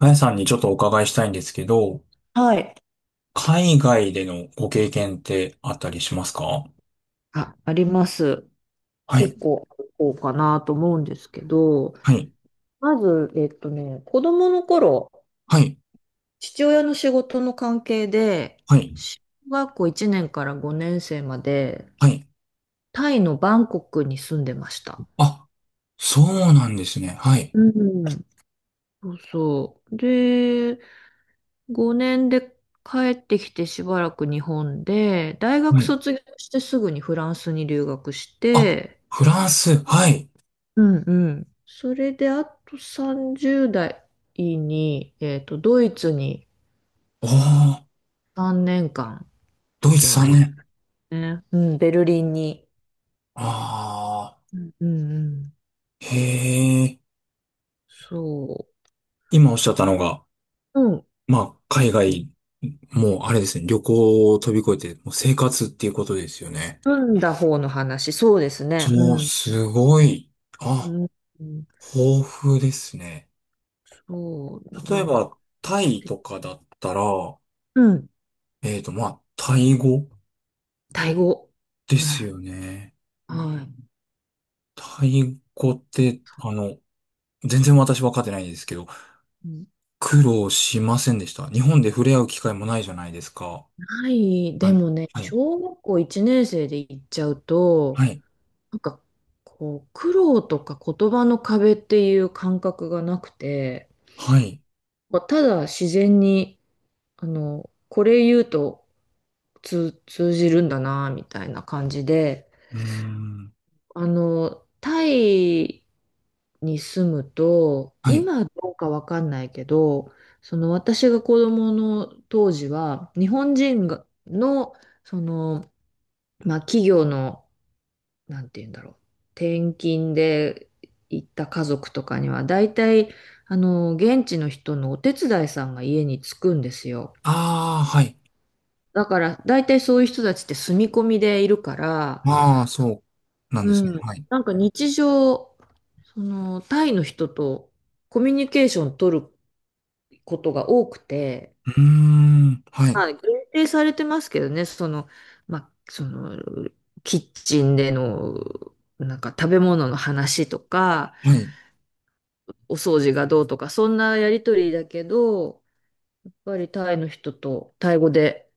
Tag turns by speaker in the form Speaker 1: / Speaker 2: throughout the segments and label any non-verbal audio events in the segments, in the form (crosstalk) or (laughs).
Speaker 1: あやさんにちょっとお伺いしたいんですけど、
Speaker 2: はい。
Speaker 1: 海外でのご経験ってあったりしますか？
Speaker 2: あ、あります。
Speaker 1: は
Speaker 2: 結
Speaker 1: い、
Speaker 2: 構ある方かなと思うんですけど、
Speaker 1: はい、
Speaker 2: まず、子供の頃、
Speaker 1: はい、
Speaker 2: 父親の仕事の関係で、
Speaker 1: はい、
Speaker 2: 小学校1年から5年生まで、
Speaker 1: はい。
Speaker 2: タイのバンコクに住んでました。
Speaker 1: あ、そうなんですね。はい、
Speaker 2: うん。そうそう。で、5年で帰ってきてしばらく日本で、大
Speaker 1: は
Speaker 2: 学
Speaker 1: い。
Speaker 2: 卒業してすぐにフランスに留学し
Speaker 1: あ、
Speaker 2: て、
Speaker 1: フランス、はい。
Speaker 2: うんうん。それで、あと30代に、ドイツに
Speaker 1: おー、
Speaker 2: 3年間
Speaker 1: ド
Speaker 2: 行
Speaker 1: イツ
Speaker 2: きま
Speaker 1: 3
Speaker 2: し
Speaker 1: 年。
Speaker 2: たね。うん、ベルリンに。
Speaker 1: あ
Speaker 2: うんうんうん。
Speaker 1: ー、へー。
Speaker 2: そ
Speaker 1: 今おっしゃったのが、
Speaker 2: う。うん。
Speaker 1: まあ、海外、もうあれですね、旅行を飛び越えて、もう生活っていうことですよね。
Speaker 2: 組んだ方の話、そうですね。う
Speaker 1: そう、
Speaker 2: ん。
Speaker 1: すごい。あ、
Speaker 2: うん。うん
Speaker 1: 豊富ですね。
Speaker 2: そう。
Speaker 1: 例
Speaker 2: な
Speaker 1: え
Speaker 2: んか、
Speaker 1: ば、タイとかだったら、
Speaker 2: うん。
Speaker 1: まあ、タイ語
Speaker 2: タイ語。
Speaker 1: で
Speaker 2: うん。
Speaker 1: す
Speaker 2: は
Speaker 1: よね。
Speaker 2: い。
Speaker 1: タイ語って、全然私分かってないですけど、苦労しませんでした。日本で触れ合う機会もないじゃないですか。
Speaker 2: ない。
Speaker 1: あ
Speaker 2: で
Speaker 1: の
Speaker 2: もね、
Speaker 1: はい。
Speaker 2: 小学校1年生で行っちゃう
Speaker 1: は
Speaker 2: と、
Speaker 1: い。
Speaker 2: なんか、こう、苦労とか言葉の壁っていう感覚がなくて、
Speaker 1: はい。
Speaker 2: まあただ自然に、あの、これ言うと通じるんだな、みたいな感じで、
Speaker 1: うーん。
Speaker 2: あの、タイに住むと、
Speaker 1: はい。
Speaker 2: 今どうかわかんないけど、その私が子供の当時は、日本人がの、その、まあ、企業のなんて言うんだろう。転勤で行った家族とかには、大体、あの、現地の人のお手伝いさんが家に着くんですよ。
Speaker 1: ああ、はい。
Speaker 2: だから、大体そういう人たちって住み込みでいるから、
Speaker 1: ああ、そうなんで
Speaker 2: う
Speaker 1: すね。
Speaker 2: ん。
Speaker 1: はい。
Speaker 2: なんか日常、その、タイの人とコミュニケーション取ることが多くて、
Speaker 1: うーん。は
Speaker 2: ま
Speaker 1: い。
Speaker 2: あ、限定されてますけどね、その、まあ、その、キッチンでの、なんか食べ物の話とか、
Speaker 1: はい。
Speaker 2: お掃除がどうとか、そんなやりとりだけど、やっぱりタイの人とタイ語で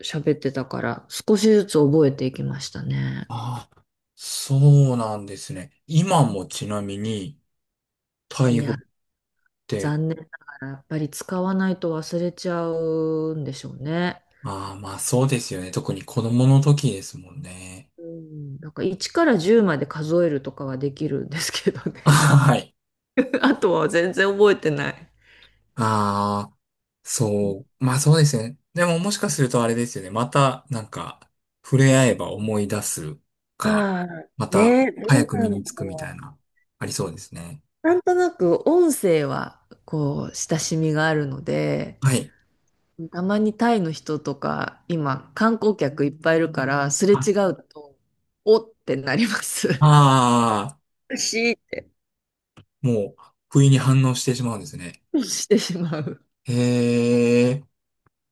Speaker 2: 喋ってたから、少しずつ覚えていきましたね。
Speaker 1: ああ、そうなんですね。今もちなみに、タイ
Speaker 2: い
Speaker 1: 語
Speaker 2: や、
Speaker 1: って？
Speaker 2: 残念ながら、やっぱり使わないと忘れちゃうんでしょうね。
Speaker 1: ああ、まあそうですよね。特に子供の時ですもんね。
Speaker 2: うん、なんか1から10まで数えるとかはできるんですけど
Speaker 1: (laughs) あ、
Speaker 2: ね。
Speaker 1: はい。
Speaker 2: (laughs) あとは全然覚えてない。
Speaker 1: ああ、そう。まあそうですね。でももしかするとあれですよね。また触れ合えば思い出す
Speaker 2: あ
Speaker 1: か、
Speaker 2: あ、
Speaker 1: また
Speaker 2: ね、ど
Speaker 1: 早
Speaker 2: う
Speaker 1: く
Speaker 2: な
Speaker 1: 身
Speaker 2: んだ
Speaker 1: につくみた
Speaker 2: ろ
Speaker 1: いな、ありそうですね。
Speaker 2: う。なんとなく音声はこう親しみがあるので、
Speaker 1: はい。
Speaker 2: たまにタイの人とか、今、観光客いっぱいいるから、すれ
Speaker 1: あ
Speaker 2: 違うと、おってなります。(laughs)
Speaker 1: あ
Speaker 2: 美味しいって。
Speaker 1: ー、もう不意に反応してしまうんですね。
Speaker 2: してしまう。
Speaker 1: へえ。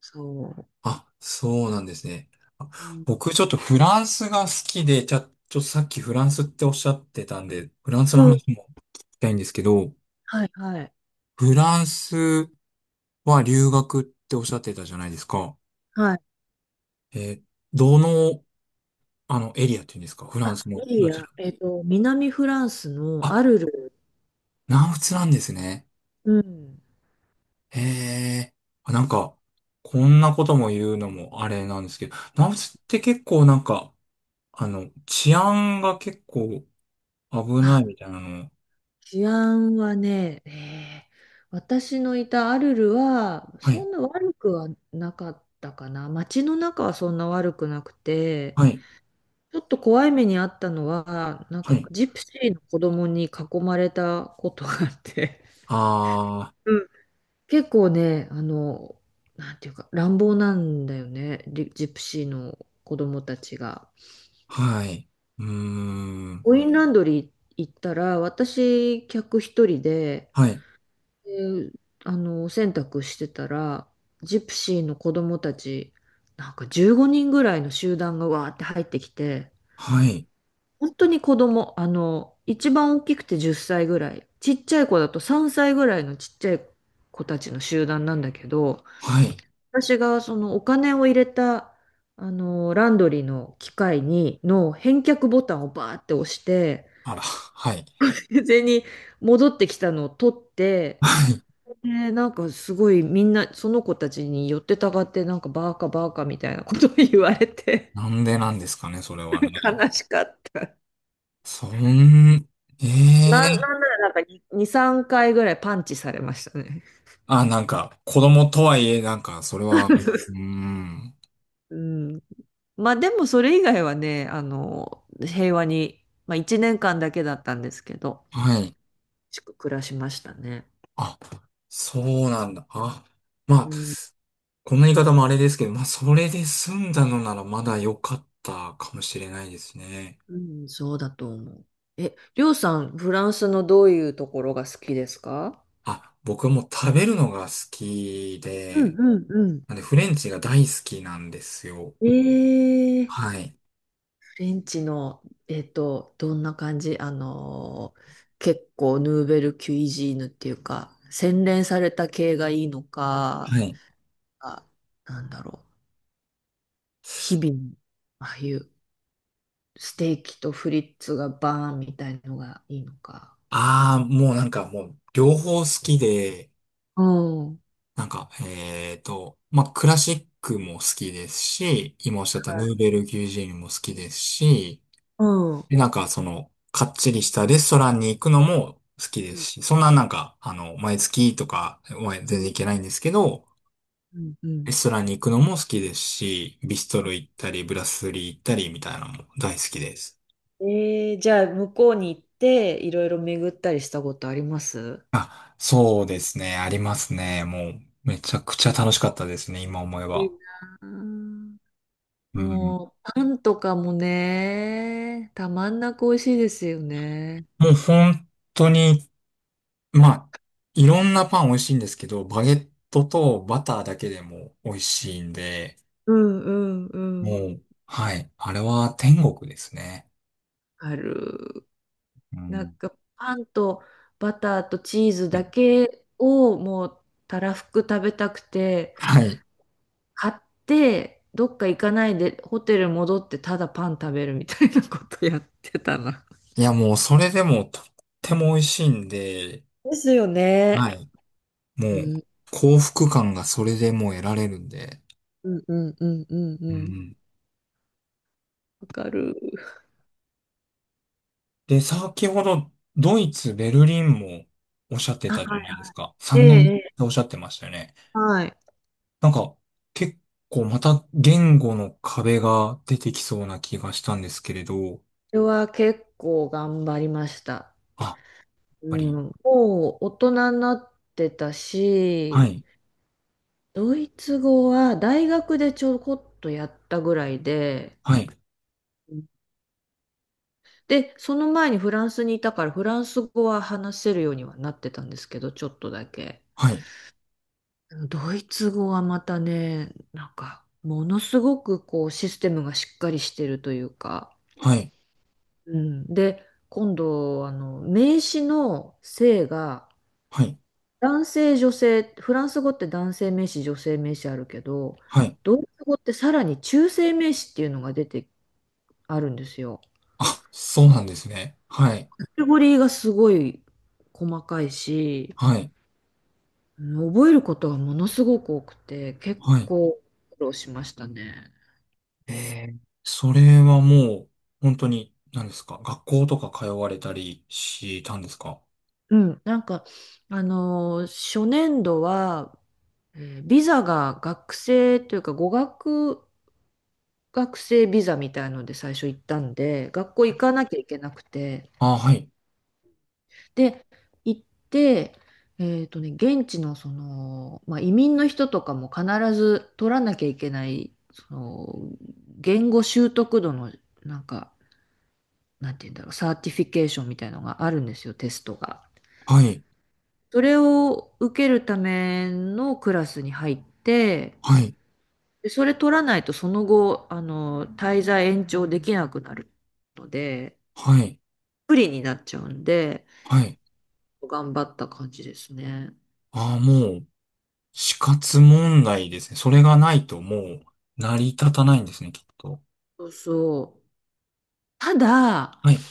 Speaker 2: そう。
Speaker 1: あ、そうなんですね。あ、
Speaker 2: うん
Speaker 1: 僕ちょっとフランスが好きで、じゃあ、ちょっとさっきフランスっておっしゃってたんで、フランスの
Speaker 2: うん。
Speaker 1: 話も聞きたいんですけど、
Speaker 2: はいはい。
Speaker 1: フランスは留学っておっしゃってたじゃないですか。
Speaker 2: はい。
Speaker 1: えーどの、エリアっていうんですかフラン
Speaker 2: あ、
Speaker 1: スの、
Speaker 2: いい
Speaker 1: どち
Speaker 2: や。
Speaker 1: ら？
Speaker 2: 南フランスの
Speaker 1: あ、
Speaker 2: アルル。
Speaker 1: 南仏なんですね。
Speaker 2: うん。
Speaker 1: へえ。あ、こんなことも言うのもあれなんですけど、南仏って結構治安が結構危
Speaker 2: あ、
Speaker 1: ないみたいなの。
Speaker 2: 治安はね、私のいたアルルは、
Speaker 1: は
Speaker 2: そ
Speaker 1: い、
Speaker 2: んな悪くはなかったかな。街の中はそんな悪くなくて、
Speaker 1: はい、
Speaker 2: ちょっと怖い目にあったのは、なんか
Speaker 1: はい。
Speaker 2: ジプシーの子供に囲まれたことがあって、
Speaker 1: あ
Speaker 2: うん。結構ね、あの、なんていうか、乱暴なんだよね、リジプシーの子供たちが。
Speaker 1: あ、はい。うーん。
Speaker 2: コインランドリー行ったら、私、客一人で、
Speaker 1: はい、
Speaker 2: で、あの、お洗濯してたら、ジプシーの子供たち、なんか15人ぐらいの集団がわーって入ってきて、
Speaker 1: はい、
Speaker 2: 本当に子供、あの、一番大きくて10歳ぐらい、ちっちゃい子だと3歳ぐらいのちっちゃい子たちの集団なんだけど、
Speaker 1: はい。
Speaker 2: 私がそのお金を入れた、あの、ランドリーの機械に、の返却ボタンをバーって押して、
Speaker 1: あら、はい。
Speaker 2: に戻ってきたのを取って、
Speaker 1: はい。
Speaker 2: で、なんかすごいみんな、その子たちに寄ってたがって、なんかバーカバーカみたいなことを言われて、
Speaker 1: なんでなんですかね、それはね。
Speaker 2: 悲しかった。
Speaker 1: そん、え
Speaker 2: な
Speaker 1: え
Speaker 2: ん、
Speaker 1: ー、
Speaker 2: なんならなんか2 3回ぐらいパンチされましたね。
Speaker 1: あ、子供とはいえ、それは、うー
Speaker 2: (laughs)
Speaker 1: ん。
Speaker 2: うん。まあでもそれ以外はね、あの、平和に、まあ1年間だけだったんですけど、
Speaker 1: はい。
Speaker 2: しく暮らしましたね。
Speaker 1: あ、そうなんだ。あ、ま
Speaker 2: う
Speaker 1: あ、
Speaker 2: ん、
Speaker 1: こんな言い方もあれですけど、まあ、それで済んだのならまだ良かったかもしれないですね。
Speaker 2: うん、そうだと思う。え、りょうさん、フランスのどういうところが好きですか？
Speaker 1: あ、僕はもう食べるのが好き
Speaker 2: うん
Speaker 1: で、
Speaker 2: うんうん。
Speaker 1: なんでフレンチが大好きなんですよ。
Speaker 2: えー。
Speaker 1: はい。
Speaker 2: ベンチの、どんな感じあのー、結構ヌーベル・キュイジーヌっていうか、洗練された系がいいのか、
Speaker 1: はい。
Speaker 2: あ、なんだろう。日々、ああいうステーキとフリッツがバーンみたいのがいいのか。
Speaker 1: ああ、もうもう両方好きで、
Speaker 2: うん。
Speaker 1: まあ、クラシックも好きですし、今おっしゃったヌーベルギュジーンも好きですし、
Speaker 2: うん。う
Speaker 1: で、かっちりしたレストランに行くのも好きで
Speaker 2: ん。
Speaker 1: すし、そんな毎月とか、まあ全
Speaker 2: う
Speaker 1: 然
Speaker 2: ん
Speaker 1: 行けないんですけど、
Speaker 2: うんう
Speaker 1: レ
Speaker 2: ん。
Speaker 1: ストランに行くのも好きですし、ビストロ行ったり、ブラスリー行ったりみたいなのも大好きです。
Speaker 2: じゃあ、向こうに行って、いろいろ巡ったりしたことあります？
Speaker 1: あ、そうですね。ありますね。もう、めちゃくちゃ楽しかったですね。今思え
Speaker 2: いい
Speaker 1: ば。
Speaker 2: なあ。
Speaker 1: うん。
Speaker 2: もう、パンとかもね、たまんなく美味しいですよね。
Speaker 1: もう本当に、まあ、いろんなパン美味しいんですけど、バゲットとバターだけでも美味しいんで、
Speaker 2: うんうんう
Speaker 1: も
Speaker 2: ん。
Speaker 1: う、はい。あれは天国ですね。
Speaker 2: ある。
Speaker 1: う
Speaker 2: なん
Speaker 1: ん。
Speaker 2: か、パンとバターとチーズだけをもう、たらふく食べたくて、
Speaker 1: はい。
Speaker 2: 買って、どっか行かないで、ホテル戻って、ただパン食べるみたいなことやってたな。
Speaker 1: いや、もうそれでもとっても美味しいんで、
Speaker 2: ですよ
Speaker 1: は
Speaker 2: ね。
Speaker 1: い。もう
Speaker 2: うん、
Speaker 1: 幸福感がそれでもう得られるんで。
Speaker 2: うん、うん、うん、うん。う
Speaker 1: う
Speaker 2: ん。
Speaker 1: ん。
Speaker 2: わかる。
Speaker 1: で、先ほどドイツ、ベルリンもおっしゃってたじゃ
Speaker 2: あ、
Speaker 1: ないですか。
Speaker 2: え
Speaker 1: 3
Speaker 2: え、
Speaker 1: 年っ
Speaker 2: ええ。
Speaker 1: ておっしゃってましたよね。
Speaker 2: はい。
Speaker 1: なんか結構また言語の壁が出てきそうな気がしたんですけれど。
Speaker 2: それは結構頑張りました。
Speaker 1: あ、やっ
Speaker 2: う
Speaker 1: ぱ
Speaker 2: ん、
Speaker 1: り。
Speaker 2: もう大人になってた
Speaker 1: は
Speaker 2: し、
Speaker 1: い。
Speaker 2: ドイツ語は大学でちょこっとやったぐらいで、
Speaker 1: はい。
Speaker 2: で、その前にフランスにいたからフランス語は話せるようにはなってたんですけど、ちょっとだけ。
Speaker 1: はい。
Speaker 2: ドイツ語はまたね、なんか、ものすごくこうシステムがしっかりしてるというか、
Speaker 1: はい。
Speaker 2: うん。で、今度、あの、名詞の性が、
Speaker 1: はい。
Speaker 2: 男性、女性、フランス語って男性名詞、女性名詞あるけど、
Speaker 1: はい。
Speaker 2: ドイツ語ってさらに中性名詞っていうのが出てあるんですよ。
Speaker 1: あ、そうなんですね。はい。
Speaker 2: カテゴリーがすごい細かいし、
Speaker 1: はい。
Speaker 2: うん。覚えることがものすごく多くて、結
Speaker 1: はい。
Speaker 2: 構苦労しましたね。
Speaker 1: ええ、それはもう、本当に、何ですか学校とか通われたりしたんですか？
Speaker 2: うん、なんか、あのー、初年度は、ビザが学生というか語学学生ビザみたいので最初行ったんで、学校行かなきゃいけなくて、
Speaker 1: あ、はい、
Speaker 2: で、行って、現地のその、まあ、移民の人とかも必ず取らなきゃいけない、その、言語習得度の、なんか、なんて言うんだろう、サーティフィケーションみたいのがあるんですよ、テストが。
Speaker 1: はい、
Speaker 2: それを受けるためのクラスに入って、
Speaker 1: はい、
Speaker 2: でそれ取らないとその後、あの、滞在延長できなくなるので、
Speaker 1: はい、
Speaker 2: 不利になっちゃうんで、
Speaker 1: はい。
Speaker 2: 頑張った感じですね。
Speaker 1: ああ、もう、死活問題ですね。それがないともう、成り立たないんですね、きっと。
Speaker 2: そうそう。ただ、
Speaker 1: はい、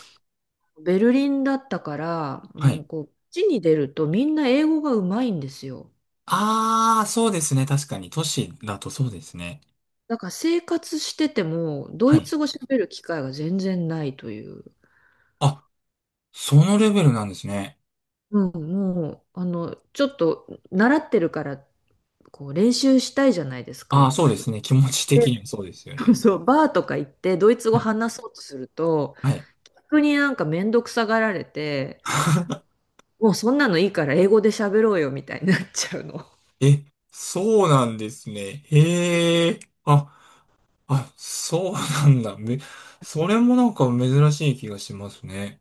Speaker 2: ベルリンだったから、
Speaker 1: は
Speaker 2: も
Speaker 1: い。
Speaker 2: うこう、街に出るとみんな英語がうまいんですよ。
Speaker 1: ああ、そうですね。確かに、都市だとそうですね。
Speaker 2: だから生活してても、ド
Speaker 1: は
Speaker 2: イ
Speaker 1: い。
Speaker 2: ツ語喋る機会が全然ないという。
Speaker 1: あ、そのレベルなんですね。
Speaker 2: うん、もう、あの、ちょっと習ってるから、こう、練習したいじゃないですか、
Speaker 1: あ
Speaker 2: や
Speaker 1: あ、
Speaker 2: っ
Speaker 1: そう
Speaker 2: ぱ
Speaker 1: で
Speaker 2: り。
Speaker 1: すね。気持ち的に
Speaker 2: で、
Speaker 1: もそうですよ
Speaker 2: (laughs)
Speaker 1: ね。
Speaker 2: そう、バーとか行って、ドイツ語
Speaker 1: はい、
Speaker 2: 話そうとすると、
Speaker 1: はい。
Speaker 2: 逆になんかめんどくさがられて、もうそんなのいいから英語で喋ろうよ、みたいになっちゃうの。
Speaker 1: え、そうなんですね。へえ。あ、あ、そうなんだ。それもなんか珍しい気がしますね。